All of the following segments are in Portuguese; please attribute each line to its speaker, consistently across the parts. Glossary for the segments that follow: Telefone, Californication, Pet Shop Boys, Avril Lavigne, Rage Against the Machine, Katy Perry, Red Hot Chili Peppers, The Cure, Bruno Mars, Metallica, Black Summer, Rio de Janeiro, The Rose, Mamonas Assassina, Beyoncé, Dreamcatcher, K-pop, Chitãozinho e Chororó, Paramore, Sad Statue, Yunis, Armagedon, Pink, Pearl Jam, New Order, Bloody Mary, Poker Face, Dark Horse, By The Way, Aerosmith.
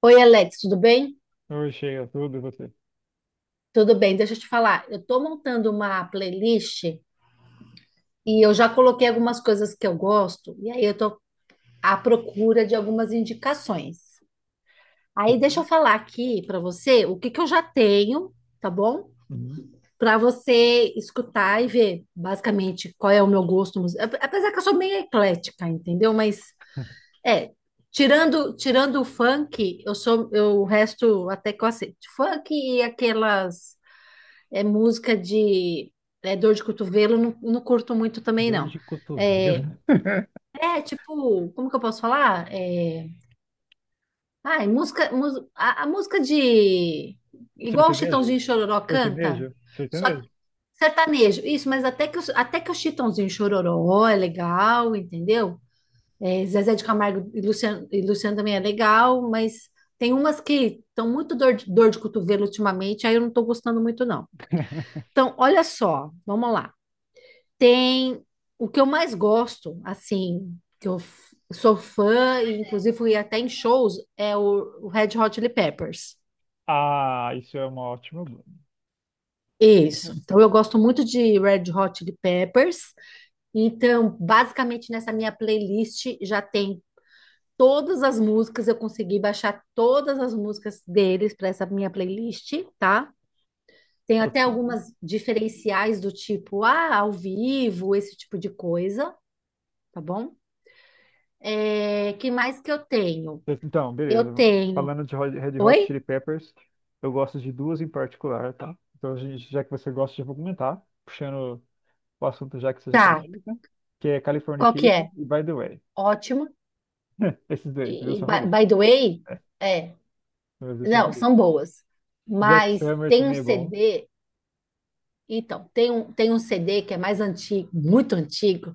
Speaker 1: Oi, Alex, tudo bem?
Speaker 2: Oi, chega tudo, e você?
Speaker 1: Tudo bem, deixa eu te falar. Eu tô montando uma playlist e eu já coloquei algumas coisas que eu gosto, e aí eu tô à procura de algumas indicações. Aí deixa eu
Speaker 2: Sim.
Speaker 1: falar aqui para você o que que eu já tenho, tá bom?
Speaker 2: Hum.
Speaker 1: Para você escutar e ver basicamente qual é o meu gosto musical. Apesar que eu sou meio eclética, entendeu? Mas é, tirando o funk, eu, o resto até que eu aceito. Funk e aquelas é música de dor de cotovelo, não, não curto muito também,
Speaker 2: Dor
Speaker 1: não.
Speaker 2: de cotovelo.
Speaker 1: É, tipo, como que eu posso falar? Ai, música, a música de. Igual o
Speaker 2: Sertanejo?
Speaker 1: Chitãozinho e Chororó canta,
Speaker 2: Sertanejo?
Speaker 1: só que
Speaker 2: Sertanejo?
Speaker 1: sertanejo. Isso, mas até que o Chitãozinho e Chororó é legal, entendeu? Zezé de Camargo e Luciano, também é legal, mas tem umas que estão muito dor de cotovelo ultimamente, aí eu não estou gostando muito, não. Então, olha só, vamos lá. Tem o que eu mais gosto, assim, que sou fã, e inclusive fui até em shows, é o Red Hot Chili Peppers.
Speaker 2: Ah, isso é uma ótima banda.
Speaker 1: Isso. Então eu gosto muito de Red Hot Chili Peppers. Então, basicamente nessa minha playlist já tem todas as músicas, eu consegui baixar todas as músicas deles para essa minha playlist, tá? Tem até
Speaker 2: Ok.
Speaker 1: algumas diferenciais do tipo, ao vivo, esse tipo de coisa, tá bom? Que mais que eu tenho?
Speaker 2: Então,
Speaker 1: Eu
Speaker 2: beleza.
Speaker 1: tenho.
Speaker 2: Falando de Red Hot
Speaker 1: Oi?
Speaker 2: Chili Peppers, eu gosto de duas em particular, tá? Então, já que você gosta, já vou comentar, puxando o assunto já que você já tá
Speaker 1: Tá.
Speaker 2: nele, né? Que é
Speaker 1: Qual que
Speaker 2: Californication
Speaker 1: é?
Speaker 2: e By The Way.
Speaker 1: Ótimo.
Speaker 2: Esses dois,
Speaker 1: E,
Speaker 2: meus
Speaker 1: e by
Speaker 2: favoritos.
Speaker 1: by the way,
Speaker 2: É,
Speaker 1: é.
Speaker 2: meus dois
Speaker 1: Não,
Speaker 2: favoritos.
Speaker 1: são boas.
Speaker 2: Black
Speaker 1: Mas
Speaker 2: Summer
Speaker 1: tem um
Speaker 2: também é bom.
Speaker 1: CD. Então, tem um CD que é mais antigo, muito antigo,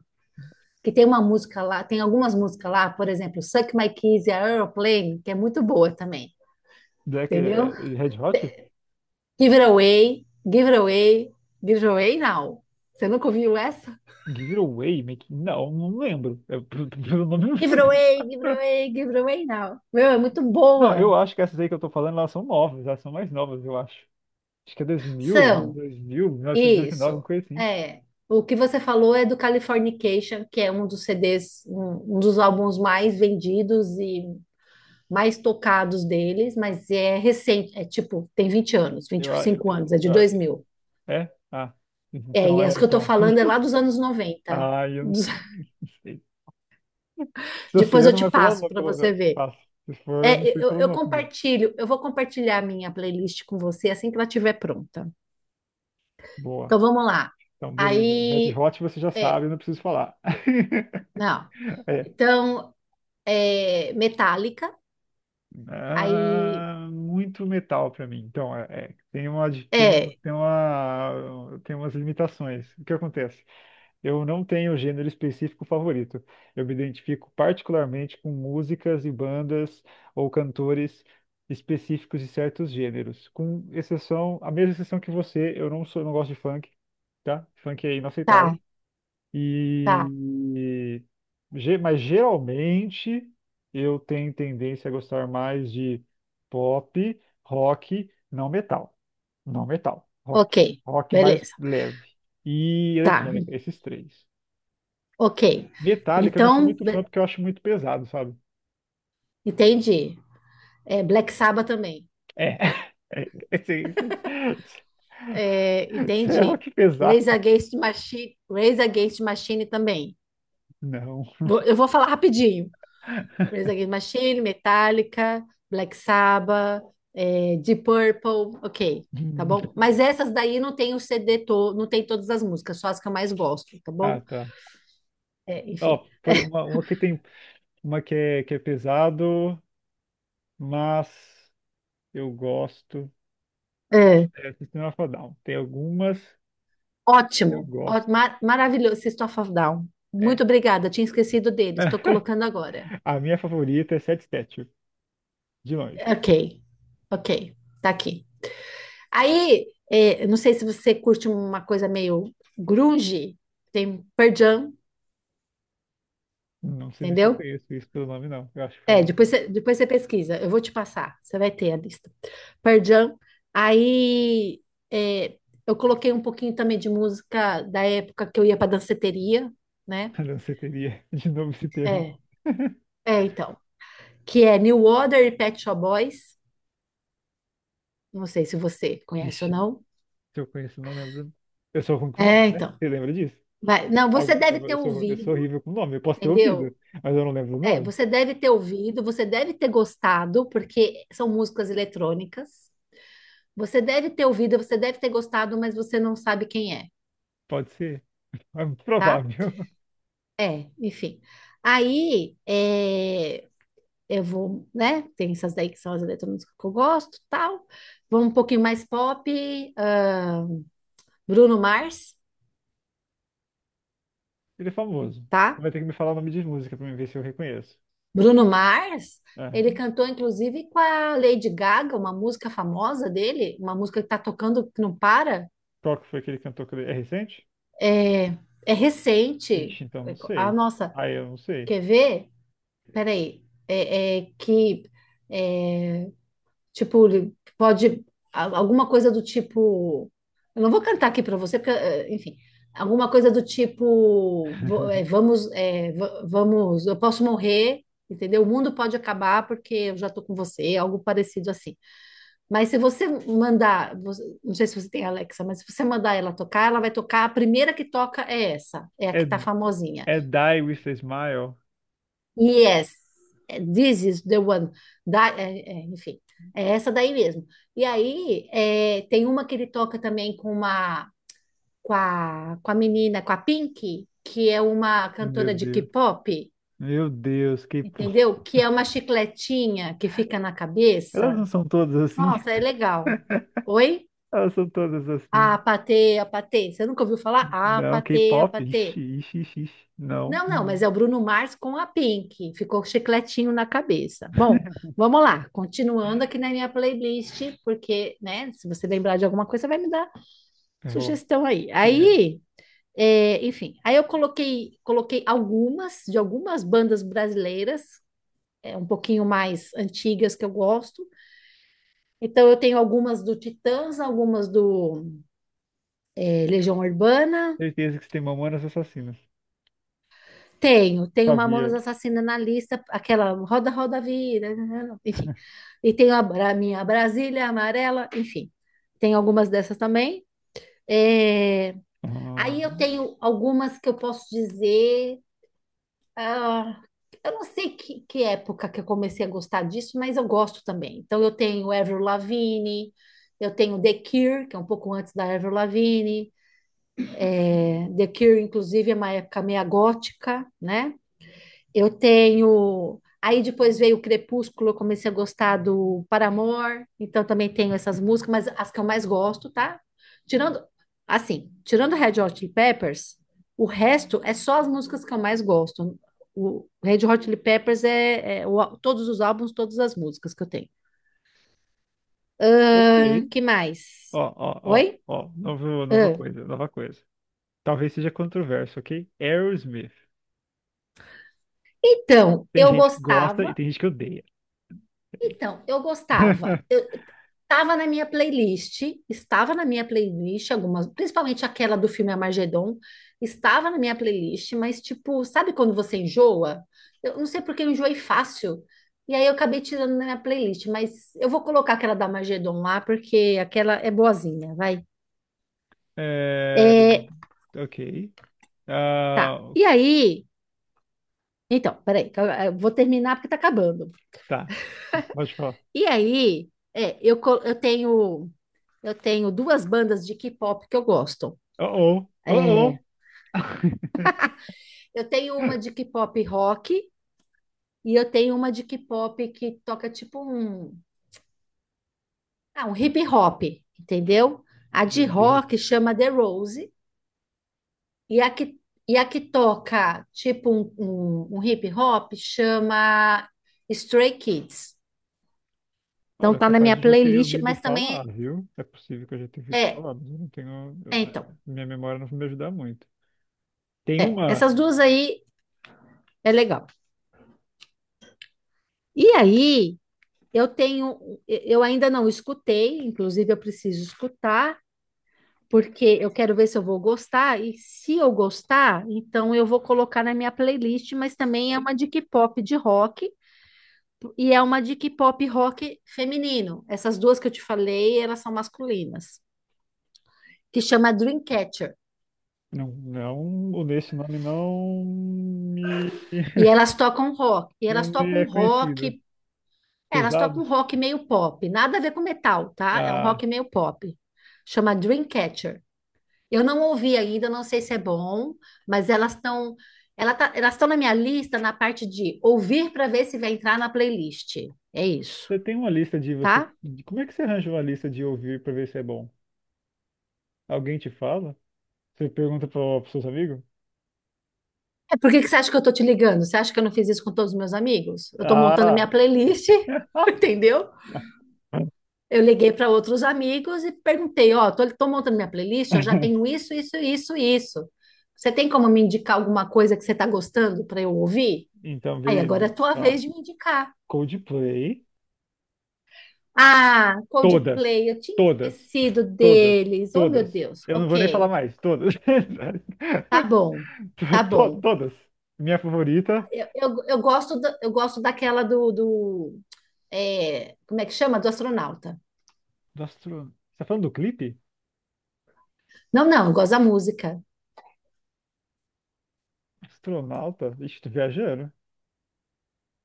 Speaker 1: que tem uma música lá, tem algumas músicas lá, por exemplo, Suck My Kiss e Aeroplane, que é muito boa também.
Speaker 2: Black
Speaker 1: Entendeu?
Speaker 2: e Red Hot?
Speaker 1: Give it away, give it away, give it away now. Você nunca ouviu essa?
Speaker 2: Giveaway making? Não, não lembro. É, pelo nome, não
Speaker 1: Give it
Speaker 2: lembro.
Speaker 1: away, give it away, give it away now. Meu, é muito
Speaker 2: Não, eu
Speaker 1: boa.
Speaker 2: acho que essas aí que eu tô falando, elas são novas, elas são mais novas, eu acho. Acho que é 2000,
Speaker 1: São.
Speaker 2: 2000, 1999, alguma
Speaker 1: Isso.
Speaker 2: coisa assim.
Speaker 1: É. O que você falou é do Californication, que é um dos CDs, um dos álbuns mais vendidos e mais tocados deles, mas é recente, é tipo, tem 20 anos, vinte
Speaker 2: Eu,
Speaker 1: e
Speaker 2: a- eu,
Speaker 1: cinco anos, é de
Speaker 2: eu-
Speaker 1: 2000.
Speaker 2: a- É? Ah, então,
Speaker 1: E
Speaker 2: é,
Speaker 1: as que eu tô
Speaker 2: então.
Speaker 1: falando é lá dos anos 90.
Speaker 2: Ah, eu não
Speaker 1: Dos-
Speaker 2: sei. Não sei. Se eu sei,
Speaker 1: Depois
Speaker 2: eu
Speaker 1: eu
Speaker 2: não
Speaker 1: te
Speaker 2: vou pelo
Speaker 1: passo
Speaker 2: nome,
Speaker 1: para você
Speaker 2: pelo
Speaker 1: ver.
Speaker 2: passo. Se for, eu não sei
Speaker 1: Eu,
Speaker 2: pelo
Speaker 1: eu
Speaker 2: nome.
Speaker 1: eu vou compartilhar minha playlist com você assim que ela estiver pronta.
Speaker 2: Boa.
Speaker 1: Então vamos lá.
Speaker 2: Então, beleza. Red
Speaker 1: Aí,
Speaker 2: Hot você já sabe,
Speaker 1: é,
Speaker 2: eu não preciso falar.
Speaker 1: não. Então, metálica. Aí,
Speaker 2: Ah, muito metal pra mim. Então, tem tem,
Speaker 1: é,
Speaker 2: tem uma, tem umas limitações. O que acontece? Eu não tenho gênero específico favorito. Eu me identifico particularmente com músicas e bandas ou cantores específicos de certos gêneros. Com exceção, a mesma exceção que você, eu não sou, não gosto de funk, tá? Funk é inaceitável.
Speaker 1: tá, tá,
Speaker 2: E mas geralmente eu tenho tendência a gostar mais de pop, rock, não metal. Não metal, rock.
Speaker 1: ok,
Speaker 2: Rock mais
Speaker 1: beleza,
Speaker 2: leve. E
Speaker 1: tá,
Speaker 2: eletrônica, esses três.
Speaker 1: ok.
Speaker 2: Metallica eu não sou
Speaker 1: Então,
Speaker 2: muito fã porque eu acho muito pesado, sabe?
Speaker 1: entendi. Black Sabbath também,
Speaker 2: É. É, é, sim, sim.
Speaker 1: é,
Speaker 2: Isso é
Speaker 1: entendi.
Speaker 2: rock pesado.
Speaker 1: Rage Against the Machine, Rage Against the Machine também.
Speaker 2: Não.
Speaker 1: Eu vou falar rapidinho. Rage Against the Machine, Metallica, Black Sabbath, Deep Purple, ok, tá bom? Mas essas daí não tem o CD todo, não tem todas as músicas, só as que eu mais gosto, tá
Speaker 2: Ah,
Speaker 1: bom?
Speaker 2: tá.
Speaker 1: Enfim.
Speaker 2: Ó, uma que tem uma que é pesado, mas eu gosto.
Speaker 1: É.
Speaker 2: É, System of a Down. Tem algumas que eu
Speaker 1: Ótimo,
Speaker 2: gosto.
Speaker 1: maravilhoso, System of a Down.
Speaker 2: É.
Speaker 1: Muito obrigada, tinha esquecido deles, estou colocando agora.
Speaker 2: A minha favorita é Sad Statue, de longe.
Speaker 1: Ok, ok, tá aqui. Aí, eu não sei se você curte uma coisa meio grunge, tem Pearl Jam,
Speaker 2: Não sei nem se eu
Speaker 1: entendeu?
Speaker 2: conheço isso pelo nome, não. Eu acho que pelo nome
Speaker 1: Depois
Speaker 2: não.
Speaker 1: você, depois você pesquisa, eu vou te passar, você vai ter a lista. Pearl Jam, aí é, eu coloquei um pouquinho também de música da época que eu ia para danceteria, né?
Speaker 2: Não sei teria de novo esse termo.
Speaker 1: É, então, que é New Order e Pet Shop Boys. Não sei se você conhece ou
Speaker 2: Vixe,
Speaker 1: não.
Speaker 2: se eu conheço, não lembro. Eu sou ruim com nome,
Speaker 1: É,
Speaker 2: né?
Speaker 1: então.
Speaker 2: Você lembra disso?
Speaker 1: Vai. Não, você
Speaker 2: Algu-
Speaker 1: deve ter
Speaker 2: Eu sou
Speaker 1: ouvido,
Speaker 2: horrível com nome. Eu posso ter ouvido,
Speaker 1: entendeu?
Speaker 2: mas eu não lembro o nome.
Speaker 1: Você deve ter ouvido, você deve ter gostado, porque são músicas eletrônicas. Você deve ter ouvido, você deve ter gostado, mas você não sabe quem é,
Speaker 2: Pode ser. É muito
Speaker 1: tá?
Speaker 2: provável.
Speaker 1: Enfim. Aí, eu vou, né? Tem essas daí que são as eletrônicas que eu gosto, tal. Vou um pouquinho mais pop, ahn, Bruno Mars,
Speaker 2: Ele é famoso.
Speaker 1: tá?
Speaker 2: Vai ter que me falar o nome de música pra mim ver se eu reconheço.
Speaker 1: Bruno Mars,
Speaker 2: É.
Speaker 1: ele cantou inclusive com a Lady Gaga, uma música famosa dele, uma música que tá tocando que não para.
Speaker 2: Qual que foi aquele cantor que ele cantou? É recente?
Speaker 1: É, é recente.
Speaker 2: Ixi, então não
Speaker 1: Ah,
Speaker 2: sei.
Speaker 1: nossa,
Speaker 2: Aí eu não sei.
Speaker 1: quer ver? Peraí. É, é que. é, Tipo, ele pode alguma coisa do tipo, eu não vou cantar aqui para você, porque, enfim, alguma coisa do tipo, vo- eh, vamos, eh, va- vamos, eu posso morrer, entendeu? O mundo pode acabar porque eu já tô com você, algo parecido assim. Mas se você mandar, não sei se você tem Alexa, mas se você mandar ela tocar, ela vai tocar, a primeira que toca é essa, é a
Speaker 2: É,
Speaker 1: que tá famosinha.
Speaker 2: é Die With a Smile?
Speaker 1: Yes, this is the one. Da, é, é, enfim, é essa daí mesmo. E aí tem uma que ele toca também com a menina, com a Pink, que é uma
Speaker 2: Meu
Speaker 1: cantora de
Speaker 2: Deus.
Speaker 1: K-pop,
Speaker 2: Meu Deus, K-pop.
Speaker 1: entendeu? Que é uma chicletinha que fica na
Speaker 2: Elas não
Speaker 1: cabeça.
Speaker 2: são todas assim?
Speaker 1: Nossa, é legal. Oi?
Speaker 2: Elas são todas
Speaker 1: A
Speaker 2: assim.
Speaker 1: patê, a patê. Você nunca ouviu falar? A
Speaker 2: Não,
Speaker 1: patê, a
Speaker 2: K-pop?
Speaker 1: patê.
Speaker 2: Ixi, ixi, ixi, ixi. Não.
Speaker 1: Não, não, mas
Speaker 2: Hum.
Speaker 1: é o Bruno Mars com a Pink. Ficou chicletinho na cabeça. Bom, vamos lá. Continuando aqui na minha playlist, porque, né, se você lembrar de alguma coisa, vai me dar
Speaker 2: Eu vou.
Speaker 1: sugestão aí.
Speaker 2: Yeah.
Speaker 1: Aí, enfim, aí eu coloquei algumas de algumas bandas brasileiras, um pouquinho mais antigas que eu gosto. Então eu tenho algumas do Titãs, algumas do Legião Urbana.
Speaker 2: Certeza que você tem Mamonas Assassinas.
Speaker 1: Tenho
Speaker 2: Sabia.
Speaker 1: Mamonas Assassina na lista, aquela Roda, Roda, Vira, enfim. E tenho a minha Brasília Amarela, enfim. Tem algumas dessas também. É,
Speaker 2: Ah,
Speaker 1: Aí eu tenho algumas que eu posso dizer. ah, eu não sei que época que eu comecei a gostar disso, mas eu gosto também. Então eu tenho Avril Lavigne, eu tenho The Cure, que é um pouco antes da Avril Lavigne. The Cure, inclusive, é uma época meia gótica, né? Eu tenho. Aí depois veio o Crepúsculo, eu comecei a gostar do Paramore, então também tenho essas músicas, mas as que eu mais gosto, tá? Tirando, tirando Red Hot Chili Peppers, o resto é só as músicas que eu mais gosto. O Red Hot Chili Peppers é todos os álbuns, todas as músicas que eu tenho.
Speaker 2: ok.
Speaker 1: Que
Speaker 2: Ó,
Speaker 1: mais?
Speaker 2: ó, ó,
Speaker 1: Oi?
Speaker 2: ó. Novo, nova
Speaker 1: Ahn.
Speaker 2: coisa, nova coisa. Talvez seja controverso, ok? Aerosmith.
Speaker 1: Então,
Speaker 2: Tem
Speaker 1: eu
Speaker 2: gente que gosta e
Speaker 1: gostava.
Speaker 2: tem gente que odeia.
Speaker 1: Então, eu gostava Estava na minha playlist, algumas, principalmente aquela do filme Armagedon, estava na minha playlist, mas tipo, sabe quando você enjoa? Eu não sei porque eu enjoei fácil. E aí eu acabei tirando da minha playlist, mas eu vou colocar aquela da Armagedon lá, porque aquela é boazinha, vai.
Speaker 2: É,
Speaker 1: É,
Speaker 2: ok.
Speaker 1: tá.
Speaker 2: Ah,
Speaker 1: E aí, então, peraí, que eu vou terminar porque tá acabando.
Speaker 2: tá. Pode falar.
Speaker 1: E aí, eu tenho duas bandas de K-pop que eu gosto.
Speaker 2: Oh,
Speaker 1: É,
Speaker 2: oh, oh, oh.
Speaker 1: Eu tenho uma de K-pop rock e eu tenho uma de K-pop que toca tipo um hip hop, entendeu? A
Speaker 2: Meu
Speaker 1: de
Speaker 2: Deus.
Speaker 1: rock chama The Rose e a que toca tipo um hip hop chama Stray Kids. Então
Speaker 2: Olha,
Speaker 1: tá na
Speaker 2: capaz
Speaker 1: minha
Speaker 2: de eu já ter
Speaker 1: playlist,
Speaker 2: ouvido
Speaker 1: mas
Speaker 2: falar,
Speaker 1: também
Speaker 2: viu? É possível que eu já tenha ouvido
Speaker 1: é,
Speaker 2: falar, mas eu não tenho.
Speaker 1: é então,
Speaker 2: Minha memória não vai me ajudar muito. Tem uma.
Speaker 1: essas duas aí é legal. E aí, eu tenho, eu ainda não escutei, inclusive eu preciso escutar, porque eu quero ver se eu vou gostar, e se eu gostar, então eu vou colocar na minha playlist, mas também é uma de K-pop de rock, e é uma de K-pop rock feminino. Essas duas que eu te falei, elas são masculinas, que chama Dreamcatcher.
Speaker 2: Não, não, o desse nome não me.
Speaker 1: E elas tocam rock, e
Speaker 2: Não
Speaker 1: elas
Speaker 2: me é
Speaker 1: tocam
Speaker 2: conhecido.
Speaker 1: rock, Elas
Speaker 2: Pesado?
Speaker 1: tocam rock meio pop, nada a ver com metal, tá? É um
Speaker 2: Ah.
Speaker 1: rock meio pop. Chama Dreamcatcher. Eu não ouvi ainda, não sei se é bom, mas elas estão na minha lista na parte de ouvir para ver se vai entrar na playlist. É isso,
Speaker 2: Você tem uma lista de
Speaker 1: tá?
Speaker 2: como é que você arranja uma lista de ouvir pra ver se é bom? Alguém te fala? Você pergunta pro, seus amigos?
Speaker 1: Por que que você acha que eu tô te ligando? Você acha que eu não fiz isso com todos os meus amigos? Eu tô montando
Speaker 2: Ah!
Speaker 1: minha playlist, entendeu? Eu liguei para outros amigos e perguntei, ó, tô montando minha playlist, eu já tenho isso, isso, isso, isso. Você tem como me indicar alguma coisa que você tá gostando para eu ouvir?
Speaker 2: Então,
Speaker 1: Aí agora é
Speaker 2: beleza.
Speaker 1: a tua
Speaker 2: Ó,
Speaker 1: vez de me indicar.
Speaker 2: Coldplay.
Speaker 1: Ah,
Speaker 2: Todas.
Speaker 1: Coldplay, eu tinha
Speaker 2: Todas.
Speaker 1: esquecido
Speaker 2: Todas.
Speaker 1: deles. Oh, meu
Speaker 2: Todas.
Speaker 1: Deus.
Speaker 2: Eu não vou nem falar
Speaker 1: Ok,
Speaker 2: mais. Todas.
Speaker 1: tá bom, tá bom.
Speaker 2: Todas. Minha favorita.
Speaker 1: Eu gosto daquela do como é que chama? Do astronauta.
Speaker 2: Do astro... Você tá falando do clipe?
Speaker 1: Não, não, eu gosto da música.
Speaker 2: Astronauta? Ixi, tô viajando.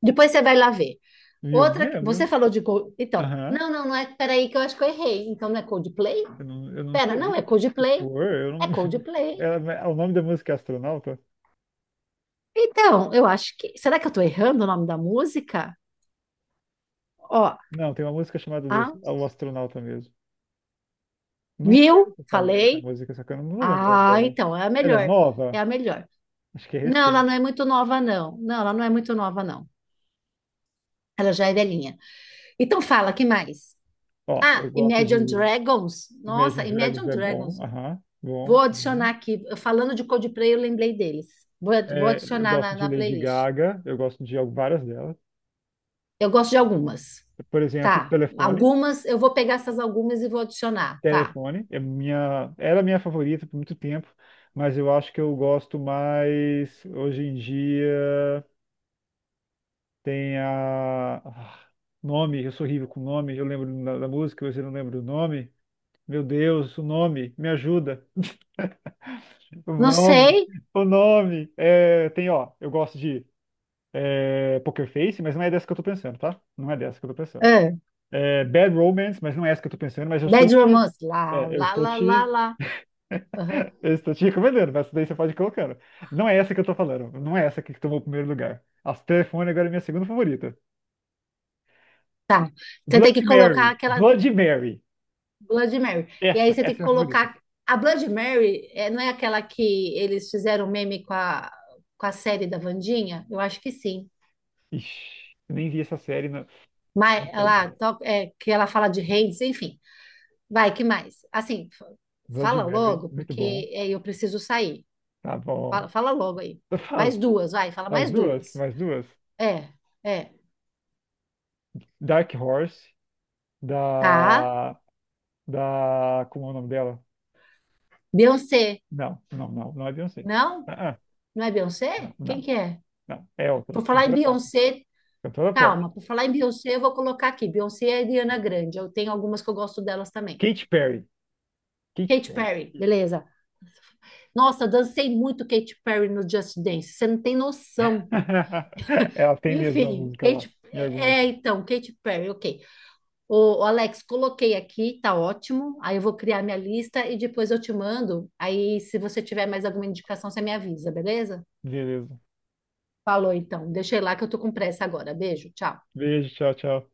Speaker 1: Depois você vai lá ver.
Speaker 2: Viu? Não
Speaker 1: Outra, você
Speaker 2: lembro.
Speaker 1: falou de Cold, então,
Speaker 2: Aham.
Speaker 1: não, não, não é, peraí que eu acho que eu errei. Então não é Coldplay?
Speaker 2: Eu não
Speaker 1: Pera, não, é
Speaker 2: sei.
Speaker 1: Coldplay.
Speaker 2: Expor, eu
Speaker 1: É
Speaker 2: não.
Speaker 1: Coldplay.
Speaker 2: O nome da música é Astronauta?
Speaker 1: Então, eu acho que, será que eu tô errando o nome da música? Ó,
Speaker 2: Não, tem uma música chamada desse,
Speaker 1: ah,
Speaker 2: é O Astronauta mesmo. Não
Speaker 1: viu?
Speaker 2: reconheço essa, essa
Speaker 1: Falei.
Speaker 2: música, só que eu não vou lembrando
Speaker 1: Ah,
Speaker 2: dela.
Speaker 1: então, é a
Speaker 2: Ela é
Speaker 1: melhor. É
Speaker 2: nova?
Speaker 1: a melhor.
Speaker 2: Acho que é
Speaker 1: Não, ela
Speaker 2: recente.
Speaker 1: não é muito nova, não. Não, ela não é muito nova, não. Ela já é velhinha. Então fala, que mais?
Speaker 2: Ó, eu
Speaker 1: Ah,
Speaker 2: gosto
Speaker 1: Imagine
Speaker 2: de
Speaker 1: Dragons.
Speaker 2: Imagine
Speaker 1: Nossa,
Speaker 2: Dragons.
Speaker 1: Imagine
Speaker 2: É
Speaker 1: Dragons.
Speaker 2: bom. Aham,
Speaker 1: Vou
Speaker 2: bom, bom.
Speaker 1: adicionar aqui. Falando de Coldplay, eu lembrei deles. Vou
Speaker 2: É, eu
Speaker 1: adicionar
Speaker 2: gosto
Speaker 1: na
Speaker 2: de Lady
Speaker 1: playlist.
Speaker 2: Gaga, eu gosto de várias delas.
Speaker 1: Eu gosto de algumas.
Speaker 2: Por exemplo,
Speaker 1: Tá.
Speaker 2: Telefone.
Speaker 1: Algumas, eu vou pegar essas algumas e vou adicionar. Tá.
Speaker 2: Telefone é minha, era minha favorita por muito tempo, mas eu acho que eu gosto mais hoje em dia. Tem a nome, eu sou horrível com nome, eu lembro da, da música, mas eu não lembro do nome. Meu Deus, o nome, me ajuda. O
Speaker 1: Não
Speaker 2: nome,
Speaker 1: sei.
Speaker 2: o nome. É, tem, ó, eu gosto de Poker Face, mas não é dessa que eu tô pensando, tá? Não é dessa que eu tô pensando.
Speaker 1: Ah,
Speaker 2: É, Bad Romance, mas não é essa que eu tô pensando, mas eu estou
Speaker 1: Bad
Speaker 2: te,
Speaker 1: Romance. Lá,
Speaker 2: é, eu
Speaker 1: lá,
Speaker 2: estou
Speaker 1: lá, lá,
Speaker 2: te
Speaker 1: lá. Aham.
Speaker 2: eu estou te recomendando, mas essa daí você pode ir colocando. Não é essa que eu tô falando. Não é essa que tomou o primeiro lugar. As telefone agora é minha segunda favorita.
Speaker 1: Você tem que
Speaker 2: Bloody
Speaker 1: colocar
Speaker 2: Mary.
Speaker 1: aquela
Speaker 2: Bloody Mary.
Speaker 1: Blood Mary. E aí
Speaker 2: Essa,
Speaker 1: você tem que
Speaker 2: essa é a minha favorita.
Speaker 1: colocar. A Blood Mary não é aquela que eles fizeram meme com a série da Wandinha? Eu acho que sim.
Speaker 2: Ixi, eu nem vi essa série. Não.
Speaker 1: Mas
Speaker 2: Não sei,
Speaker 1: ela,
Speaker 2: cara.
Speaker 1: que ela fala de reis, enfim. Vai, que mais? Assim,
Speaker 2: Bloody
Speaker 1: fala
Speaker 2: Mary,
Speaker 1: logo,
Speaker 2: muito bom.
Speaker 1: porque eu preciso sair.
Speaker 2: Tá bom.
Speaker 1: Fala logo aí.
Speaker 2: Eu
Speaker 1: Mais
Speaker 2: falo.
Speaker 1: duas, vai, fala
Speaker 2: Mais
Speaker 1: mais
Speaker 2: duas,
Speaker 1: duas.
Speaker 2: mais duas.
Speaker 1: É, é.
Speaker 2: Dark Horse,
Speaker 1: Tá.
Speaker 2: da. Da. Como é o nome dela?
Speaker 1: Beyoncé.
Speaker 2: Não, não, não, não é Beyoncé.
Speaker 1: Não?
Speaker 2: Ah, ah,
Speaker 1: Não é Beyoncé?
Speaker 2: não,
Speaker 1: Quem
Speaker 2: não,
Speaker 1: que é?
Speaker 2: não. É outra.
Speaker 1: Por falar em
Speaker 2: Cantora pop.
Speaker 1: Beyoncé,
Speaker 2: Cantora pop.
Speaker 1: Calma, por falar em Beyoncé, eu vou colocar aqui. Beyoncé e Ariana Grande. Eu tenho algumas que eu gosto delas também.
Speaker 2: Katy Perry. Katy
Speaker 1: Katy
Speaker 2: Perry.
Speaker 1: Perry,
Speaker 2: Isso.
Speaker 1: beleza. Nossa, eu dancei muito Katy Perry no Just Dance. Você não tem noção.
Speaker 2: Ela tem mesmo a
Speaker 1: Enfim,
Speaker 2: música lá,
Speaker 1: Katy...
Speaker 2: em
Speaker 1: É, é,
Speaker 2: algumas.
Speaker 1: então, Katy Perry, ok. O, Alex, coloquei aqui, tá ótimo. Aí eu vou criar minha lista e depois eu te mando. Aí, se você tiver mais alguma indicação, você me avisa, beleza?
Speaker 2: Beleza.
Speaker 1: Falou, então. Deixei lá que eu tô com pressa agora. Beijo, tchau.
Speaker 2: Beijo, tchau, tchau.